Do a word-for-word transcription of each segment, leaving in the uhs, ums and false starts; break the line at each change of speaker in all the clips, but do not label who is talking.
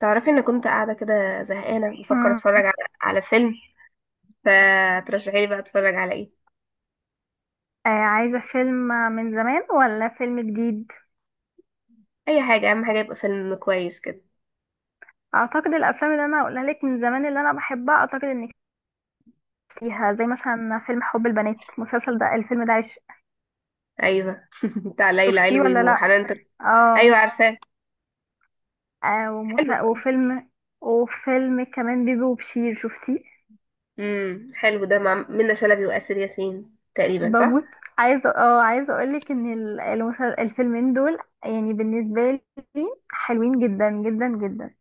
تعرفي ان كنت قاعده كده زهقانه بفكر
مم.
اتفرج على على فيلم. فترشحي لي بقى اتفرج على ايه؟
آه، عايزة فيلم من زمان ولا فيلم جديد؟
اي حاجه، اهم حاجه يبقى فيلم كويس كده.
اعتقد الافلام اللي انا هقولها لك من زمان اللي انا بحبها اعتقد انك شفتيها، زي مثلا فيلم حب البنات. المسلسل ده الفيلم ده عش-
ايوه، بتاع ليلى
شفتيه
علوي
ولا لا؟
وحنان تر- ايوه،
اه.
عارفاه.
آه،
حلو.
ومسا... وفيلم، وفيلم كمان بيبي وبشير، شفتيه؟
امم حلو، ده مع منة شلبي واسر ياسين تقريبا، صح؟
بموت. عايزة اه، عايزة اقولك ان ال- المسل... الفيلمين دول يعني بالنسبة لي حلوين جدا جدا جدا.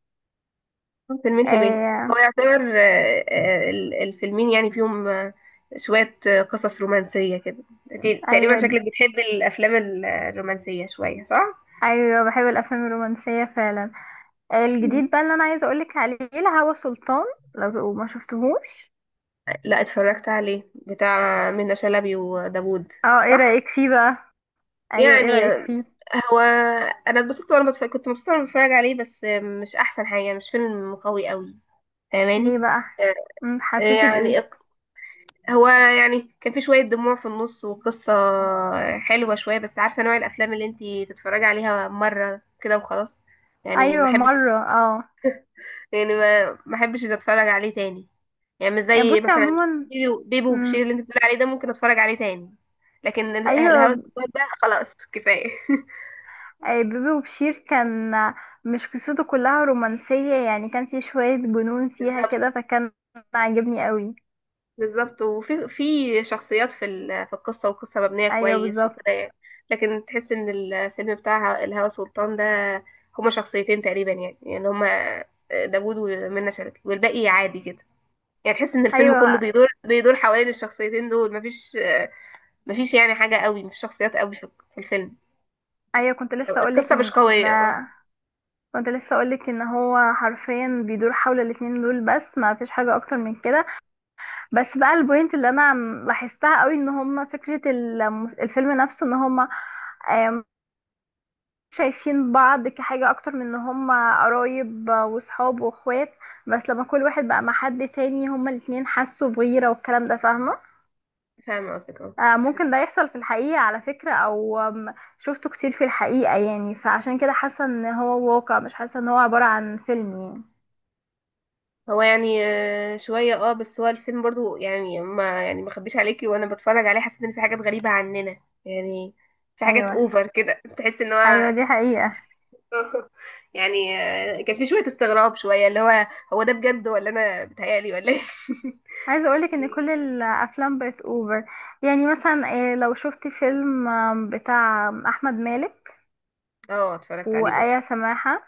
فيلمين حلوين. هو
آه...
يعتبر آه، آه، ال- الفيلمين يعني فيهم آه، شويه آه، قصص رومانسيه كده. انت تقريبا
ايوه.
شكلك بتحبي الافلام ال- الرومانسيه شويه، صح؟
ايوه بحب الافلام الرومانسية فعلا. الجديد بقى اللي انا عايزه اقولك عليه الهوى سلطان، لو ما شفتهوش.
لا، اتفرجت عليه، بتاع منة شلبي وداوود.
اه، ايه
صح.
رايك فيه بقى؟ ايوه ايه
يعني،
رايك فيه؟
هو، انا اتبسطت وانا بتفرج، كنت مبسوطه وانا بتفرج عليه، بس مش احسن حاجه، مش فيلم قوي قوي.
ليه
فاهماني؟
بقى؟
آه،
مم، حسيتي
يعني
بايه؟
اق- هو يعني كان في شويه دموع في النص، والقصه حلوه شويه، بس عارفه نوع الافلام اللي انتي تتفرجي عليها مره كده وخلاص. يعني ما
ايوه
احبش.
مره اه.
يعني ما ما احبش إني اتفرج عليه تاني، يعني مش
يعني
زي
بصي
مثلا
عموما.
بيبي بيبي وبشير
مم.
اللي انت بتقول عليه ده، ممكن اتفرج عليه تاني. لكن ال- الهوى
ايوه
سلطان ده، خلاص كفايه.
آه، بيبي وبشير كان مش قصته كلها رومانسيه، يعني كان في شويه جنون فيها
بالظبط.
كده فكان عاجبني قوي.
بالظبط، وفي في شخصيات في ال- في القصه، والقصه مبنيه
ايوه
كويس
بالظبط.
وكده يعني. لكن تحس ان الفيلم بتاع الهوى سلطان ده هما شخصيتين تقريبا، يعني يعني هما داوود ومنى شلبي، والباقي عادي كده. يعني تحس ان الفيلم كله
ايوه.
بيدور بيدور حوالين الشخصيتين دول، مفيش مفيش يعني حاجة قوي، مش شخصيات قوي في في الفيلم.
ايوه كنت لسه اقولك
القصة مش
ان
قوية. آه،
كنت لسه اقولك ان هو حرفيا بيدور حول الاتنين دول بس ما فيش حاجه اكتر من كده. بس بقى البوينت اللي انا م- لاحظتها قوي ان هما فكره المس- الفيلم نفسه ان هما آم، شايفين بعض كحاجه اكتر من ان هما قرايب وصحاب واخوات. بس لما كل واحد بقى مع حد تاني هما الاتنين حسوا بغيره والكلام ده، فاهمه؟
فاهمة قصدك، اه.
آه، ممكن ده يحصل في الحقيقه على فكره، او آم، شفته كتير في الحقيقه يعني، فعشان كده حاسه ان هو واقع، مش حاسه ان هو عباره عن فيلم
هو يعني آه، شوية، اه، بس هو الفيلم برضو، يعني ما يعني ما خبيش عليكي، وانا بتفرج عليه حسيت ان في حاجات غريبة عننا. يعني في
يعني.
حاجات
ايوه.
اوفر كده، تحس ان
ايوه
هو…
دي حقيقة.
يعني آه، كان في شوية استغراب، شوية اللي هو، هو ده بجد ولا انا بتهيألي ولا ايه؟
عايزة اقولك ان كل الافلام بقت اوفر. يعني مثلا إيه، لو شفت فيلم آم، بتاع احمد مالك
اه، اتفرجت عليه برضو.
وآية سماحة،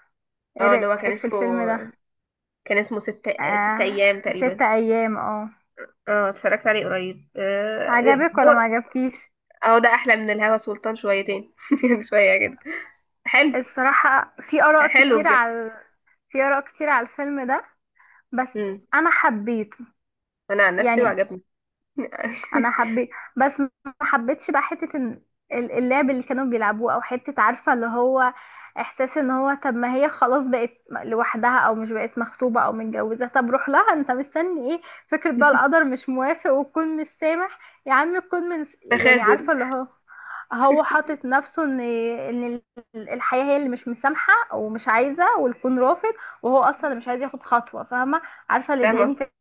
ايه
اه، اللي هو كان
رأيك في
اسمه
الفيلم ده؟
كان اسمه ست آه،
آه.
ست ايام
ست
تقريبا.
ايام اه.
اه، اتفرجت عليه قريب. آه، آه،
عجبك ولا ما عجبكيش؟
اه، ده احلى من الهوا سلطان شويتين، شويه كده. حلو،
الصراحة في اراء
حلو
كتير
بجد.
على، في اراء كتير على الفيلم ده، بس
امم.
انا حبيته.
انا عن نفسي
يعني
وعجبني.
انا حبيت، بس ما حبيتش بقى حته إن ال- اللعب اللي كانوا بيلعبوه، او حته عارفه اللي هو احساس ان هو طب ما هي خلاص بقت لوحدها، او مش بقت مخطوبه او متجوزه، طب روح لها، انت مستني ايه؟ فكره بقى القدر مش موافق، وتكون مش سامح، يا عم تكون من يعني
تخاذل.
عارفه اللي هو هو حاطط نفسه ان ان ال- الحياه هي اللي مش مسامحه ومش عايزه والكون رافض، وهو اصلا مش عايز ياخد خطوه، فاهمه؟ عارفه اللي
فاهم
ضايقني
قصدك،
فيه،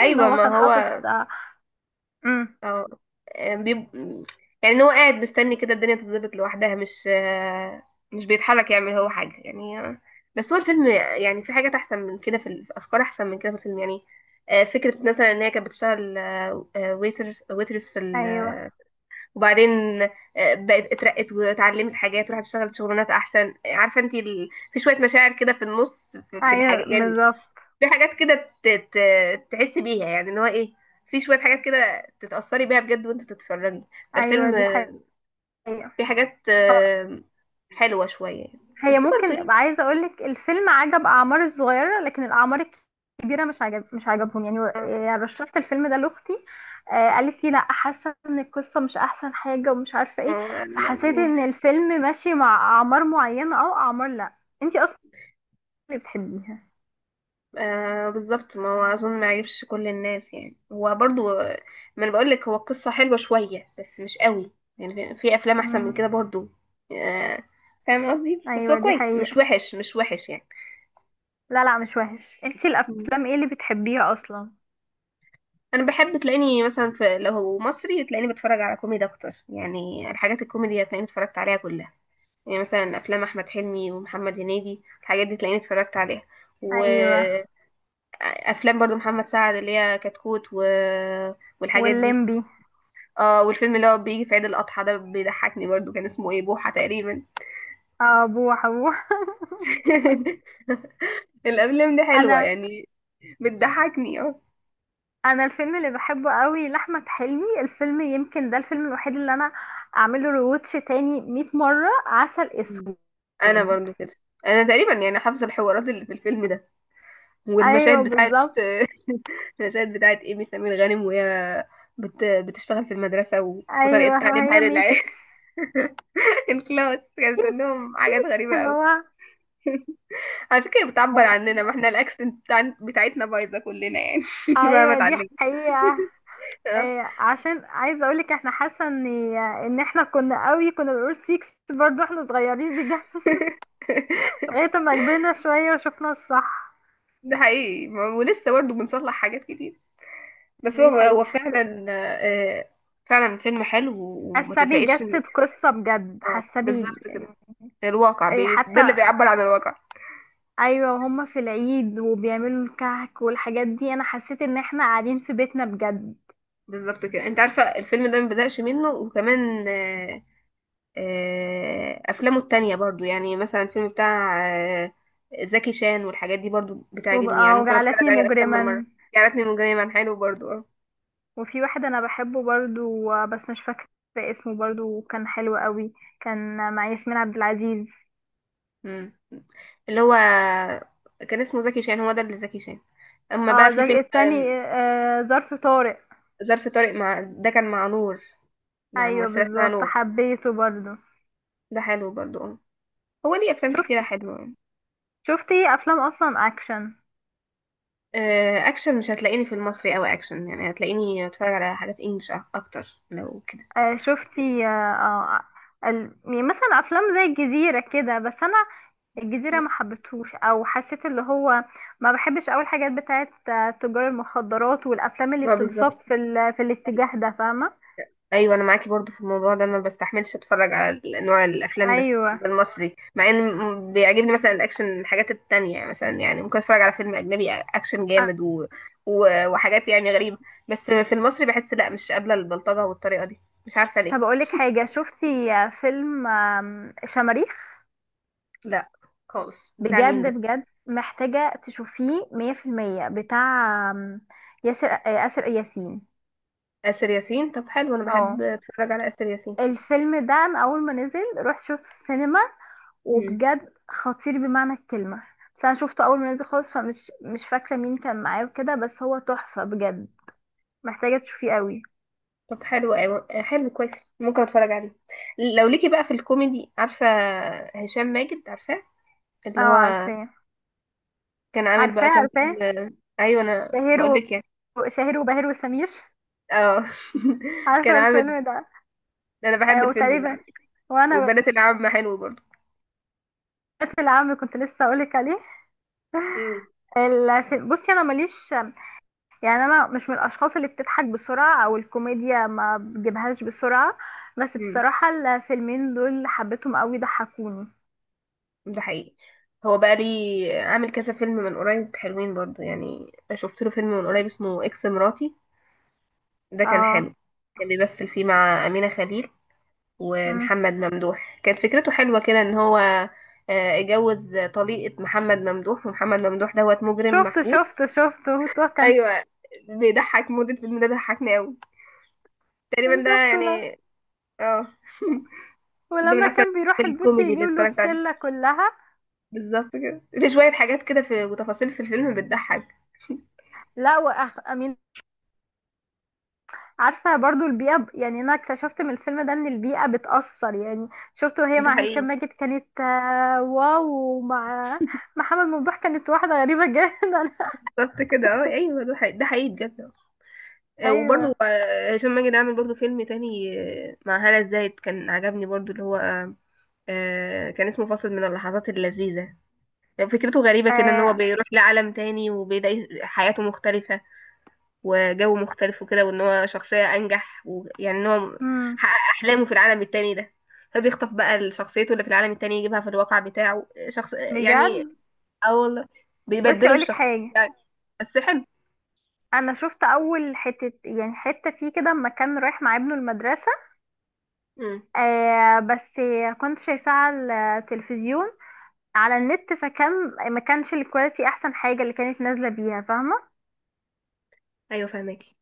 ان هو
ما
كان
هو،
حاطط آه، امم.
اه. بيب... يعني إن هو قاعد مستني كده الدنيا تتظبط لوحدها، مش آه، مش بيتحرك يعمل هو حاجه يعني. آه، بس هو الفيلم يعني، في حاجات احسن من كده، في ال- في افكار احسن من كده في الفيلم يعني. آه، فكره مثلا ان هي كانت بتشتغل ويترز ويترز في ال…
ايوه.
وبعدين آه، بقت اترقت واتعلمت حاجات، وراحت اشتغلت شغلانات احسن، عارفه انت ال... في شويه مشاعر كده في النص، في, في
ايوه
الحاجه يعني.
بالظبط.
في حاجات كده، ت... ت... تحس بيها يعني ان هو ايه. في شويه حاجات كده تتاثري بيها بجد وانت بتتفرجي.
ايوه
فالفيلم،
دي حقيقة.
آه، في حاجات
اه.
آه، حلوه شويه يعني.
هي
بس برضه
ممكن،
يعني.
عايزة اقولك الفيلم عجب اعمار الصغيرة، لكن الاعمار الكبيرة مش عجب، مش عجبهم يعني آه، يعني رشحت الفيلم ده لاختي، آه، قالت لي لا حاسة ان القصة مش احسن حاجة ومش عارفة ايه،
آه،
فحسيت
آه،
ان الفيلم ماشي مع اعمار معينة، او اعمار لا انتي اصلا اللي بتحبيها.
آه، بالظبط، ما هو اظن ما يعجبش كل الناس، يعني هو برضو، ما انا بقول لك، هو القصه حلوه شويه بس مش قوي. يعني في في افلام احسن من
امم.
كده برضو. آه، فاهم قصدي، بس هو
ايوه دي
كويس، مش
حقيقة.
وحش مش وحش يعني.
لا لا مش وحش. انتي
مم.
الافلام ايه اللي بتحبيها اصلا؟
انا بحب تلاقيني مثلا، في، لو هو مصري تلاقيني بتفرج على كوميدي اكتر. يعني الحاجات الكوميدي هتلاقيني اتفرجت عليها كلها، يعني مثلا افلام احمد حلمي ومحمد هنيدي، الحاجات دي تلاقيني اتفرجت عليها.
ايوه
وافلام برضو محمد سعد، اللي هي كتكوت و... والحاجات دي.
واللمبي.
اه، والفيلم اللي هو بيجي في عيد الأضحى ده بيضحكني برضو، كان اسمه ايه، بوحة تقريبا.
اه بوح بوح.
الأفلام دي حلوة
انا،
يعني، بتضحكني، اه.
انا الفيلم اللي بحبه قوي لاحمد حلمي، الفيلم يمكن ده الفيلم الوحيد اللي انا اعمله ريواتش تاني مية مره، عسل
مم.
اسود.
انا برضو كده. انا تقريبا يعني حافظه الحوارات اللي في الفيلم ده،
ايوه
والمشاهد بتاعت…
بالظبط.
المشاهد بتاعت ايمي سمير غانم، وهي بت... بتشتغل في المدرسه و...
ايوه
وطريقه تعليمها
وهي ميسي.
للعيال. الكلاس كانت بتقول لهم حاجات غريبه
اللي
قوي.
هو،
على فكره، بتعبر عننا، ما احنا الاكسنت بتاع... بتاعتنا بايظه كلنا يعني. ما
ايوه دي
بتعلم.
حقيقه. إيه عشان عايزه اقولك احنا حاسه ان ان احنا كنا قوي كنا بنقول سيكس برضو احنا صغيرين بجد. لغايه ما كبرنا شويه وشفنا الصح.
ده حقيقي، ما- ولسه برضه بنصلح حاجات كتير. بس
دي
هو هو
حقيقه.
فعلا، آه، فعلا فيلم حلو وما
حاسه
تزهقش منه.
بيجسد قصه بجد،
اه،
حاسه بي
بالظبط كده، الواقع
إيه
بي... ده اللي
حتى.
بيعبر عن الواقع.
ايوه وهم في العيد وبيعملوا الكعك والحاجات دي انا حسيت ان احنا قاعدين في بيتنا بجد.
بالظبط كده. انت عارفه الفيلم ده ما بزهقش منه، وكمان آه، آه، افلامه التانية برضو، يعني مثلا الفيلم بتاع آه، زكي شان والحاجات دي برضو
وج-
بتعجبني. يعني
آه،
ممكن اتفرج
وجعلتني
عليه اكتر من مره.
مجرما.
جعلتني مجرما، حلو برضو، اه.
وفي واحد انا بحبه برضو آه، بس مش فاكره اسمه، برضو كان حلو قوي، كان مع ياسمين عبد العزيز.
مم. اللي هو كان اسمه زكي شان، هو ده اللي زكي شان. اما
اه
بقى في فيلم،
زي التاني.
آم،
آه، ظرف طارق.
ظرف طارق مع، ده كان مع نور، مع
ايوه
ممثله اسمها
بالظبط،
نور.
حبيته برضو.
ده حلو برضو، اه. هو ليه افلام
شفت،
كتيره حلوه يعني.
شفتي افلام اصلا اكشن؟
آه، اكشن مش هتلاقيني في المصري قوي اكشن، يعني هتلاقيني اتفرج على حاجات انجلش اكتر لو كده.
آه، شفتي آه، آه، ال- يعني مثلا افلام زي الجزيره كده، بس انا الجزيرة ما حبيتهوش، او حسيت اللي هو ما بحبش اول حاجات بتاعت آه، تجار المخدرات والافلام اللي
ما
بتنساق
بالظبط،
في ال... في الاتجاه ده، فاهمة؟
ايوه، انا معاكي برضو في الموضوع ده، ما بستحملش اتفرج على ال- نوع الافلام ده
ايوه
المصري، مع ان م- بيعجبني مثلا الاكشن، الحاجات التانية يعني، مثلا يعني ممكن اتفرج على فيلم اجنبي اكشن
آه،
جامد و... و... وحاجات يعني غريبة. بس في المصري بحس لا، مش قابلة البلطجة والطريقة دي. مش عارفة
طب
ليه.
اقولك حاجة، شفتي آه، فيلم آم، شماريخ؟
لا خالص، بتاع مين
بجد
ده؟
بجد محتاجة تشوفيه مية في المية، بتاع آم، ياسر آه، آسر ياسين.
آسر ياسين، طب حلو، انا
اه
بحب اتفرج على آسر ياسين.
الفيلم ده انا اول ما نزل رحت شفته في السينما،
مم.
وبجد خطير بمعنى الكلمة. بس انا شفته اول ما نزل خالص فمش، مش فاكرة مين كان معاه وكده، بس هو تحفة بجد، محتاجة تشوفيه قوي.
طب حلو، أيوة. حلو كويس، ممكن اتفرج عليه. لو ليكي بقى في الكوميدي، عارفة هشام ماجد، عارفاه،
اه
اللي هو
عارفاه،
كان عامل
عارفاه،
بقى كام
عارفاه.
فيلم، ايوه انا
شهير
بقول
و...
لك يعني،
شهير وبهير وسمير.
اه. كان
عارفة
عامل.
الفيلم ده؟
انا بحب
آه
الفيلم ده على
وتقريبا،
فكرة.
وانا
وبنات العم حلو برضه.
بنات العم كنت لسه اقولك عليه.
امم،
ال- في- بصي انا ماليش، يعني انا مش من الاشخاص اللي بتضحك بسرعه، او الكوميديا ما بجيبهاش بسرعه، بس
امم.
بصراحه الفيلمين دول حبيتهم قوي، ضحكوني.
ده حقيقي، هو بقى لي عامل كذا فيلم من قريب حلوين برضه. يعني أنا شفت له فيلم من قريب اسمه اكس مراتي، ده كان
اه
حلو. كان بيمثل فيه مع أمينة خليل ومحمد ممدوح. كانت فكرته حلوة كده، ان هو آه، اتجوز طليقة محمد ممدوح، ومحمد ممدوح دوت مجرم
شفته
محبوس.
شفته شفته. هو كان،
ايوه، بيضحك، مدة الفيلم ده ضحكني قوي تقريبا، ده
شفته لا.
يعني، اه. ده من
ولما
احسن
كان بيروح البيت
الكوميدي
يجيب
اللي
له
اتفرجت عليه.
الشلة كلها.
بالظبط كده، في شوية حاجات كده في وتفاصيل في الفيلم بتضحك.
لا، وأخ أمين. عارفة برضو البيئة ب- يعني أنا اكتشفت من الفيلم ده إن البيئة بتأثر يعني. شفته وهي
ده
مع هشام
حقيقي.
ماجد كانت آه، واو. ومع محمد ممدوح كانت واحدة غريبة جدا.
بالظبط كده، اه، ايوه، ده حقيقي، ده حقيقي بجد. آه، آه، وبرضه
أيوه.
آه، هشام ماجد عامل برضه فيلم تاني. آه، مع هالة زاهد، كان عجبني برضه، اللي هو آه، كان اسمه فاصل من اللحظات اللذيذة. فكرته غريبة كده، ان هو
آه.
بيروح لعالم تاني وبيلاقي حياته مختلفة، وجو مختلف وكده، وان هو شخصية انجح، ويعني ان هو
مم.
حقق احلامه في العالم التاني ده. فبيخطف بقى شخصيته اللي في العالم التاني، يجيبها في الواقع بتاعه، شخص
بجد.
يعني. اه والله،
بس
بيبدلوا
أقولك
الشخص
حاجة،
يعني. بس حلو.
أنا شفت أول حتة، يعني حتة فيه كده لما كان رايح مع ابنه المدرسة،
امم.
آه بس كنت شايفاه على التلفزيون، على النت، فكان ما كانش الكواليتي احسن حاجة اللي كانت نازلة بيها، فاهمة؟
ايوه، فاهماكي.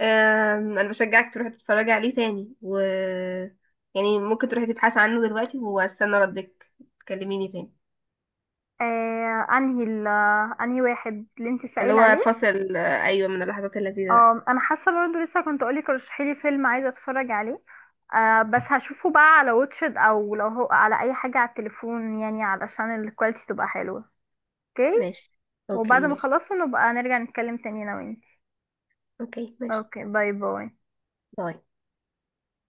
أم، انا بشجعك تروحي تتفرجي عليه تاني، و يعني ممكن تروحي تبحثي عنه دلوقتي، واستنى ردك، تكلميني تاني.
آه انهي ال- انهي واحد اللي انت
اللي
سائل
هو
عليه؟
فصل، آه، ايوه، من اللحظات اللذيذة ده.
آه انا حاسة برضو لسه كنت اقولك رشحي لي فيلم عايزة اتفرج عليه، آه بس هشوفه بقى على واتشد، او لو هو على اي حاجة على التليفون، يعني علشان الكواليتي تبقى حلوة. اوكي.
ماشي، اوكي
وبعد ما
ماشي،
اخلصه نبقى نرجع نتكلم تاني انا وانتي.
اوكي ماشي.
اوكي باي باي.
باي.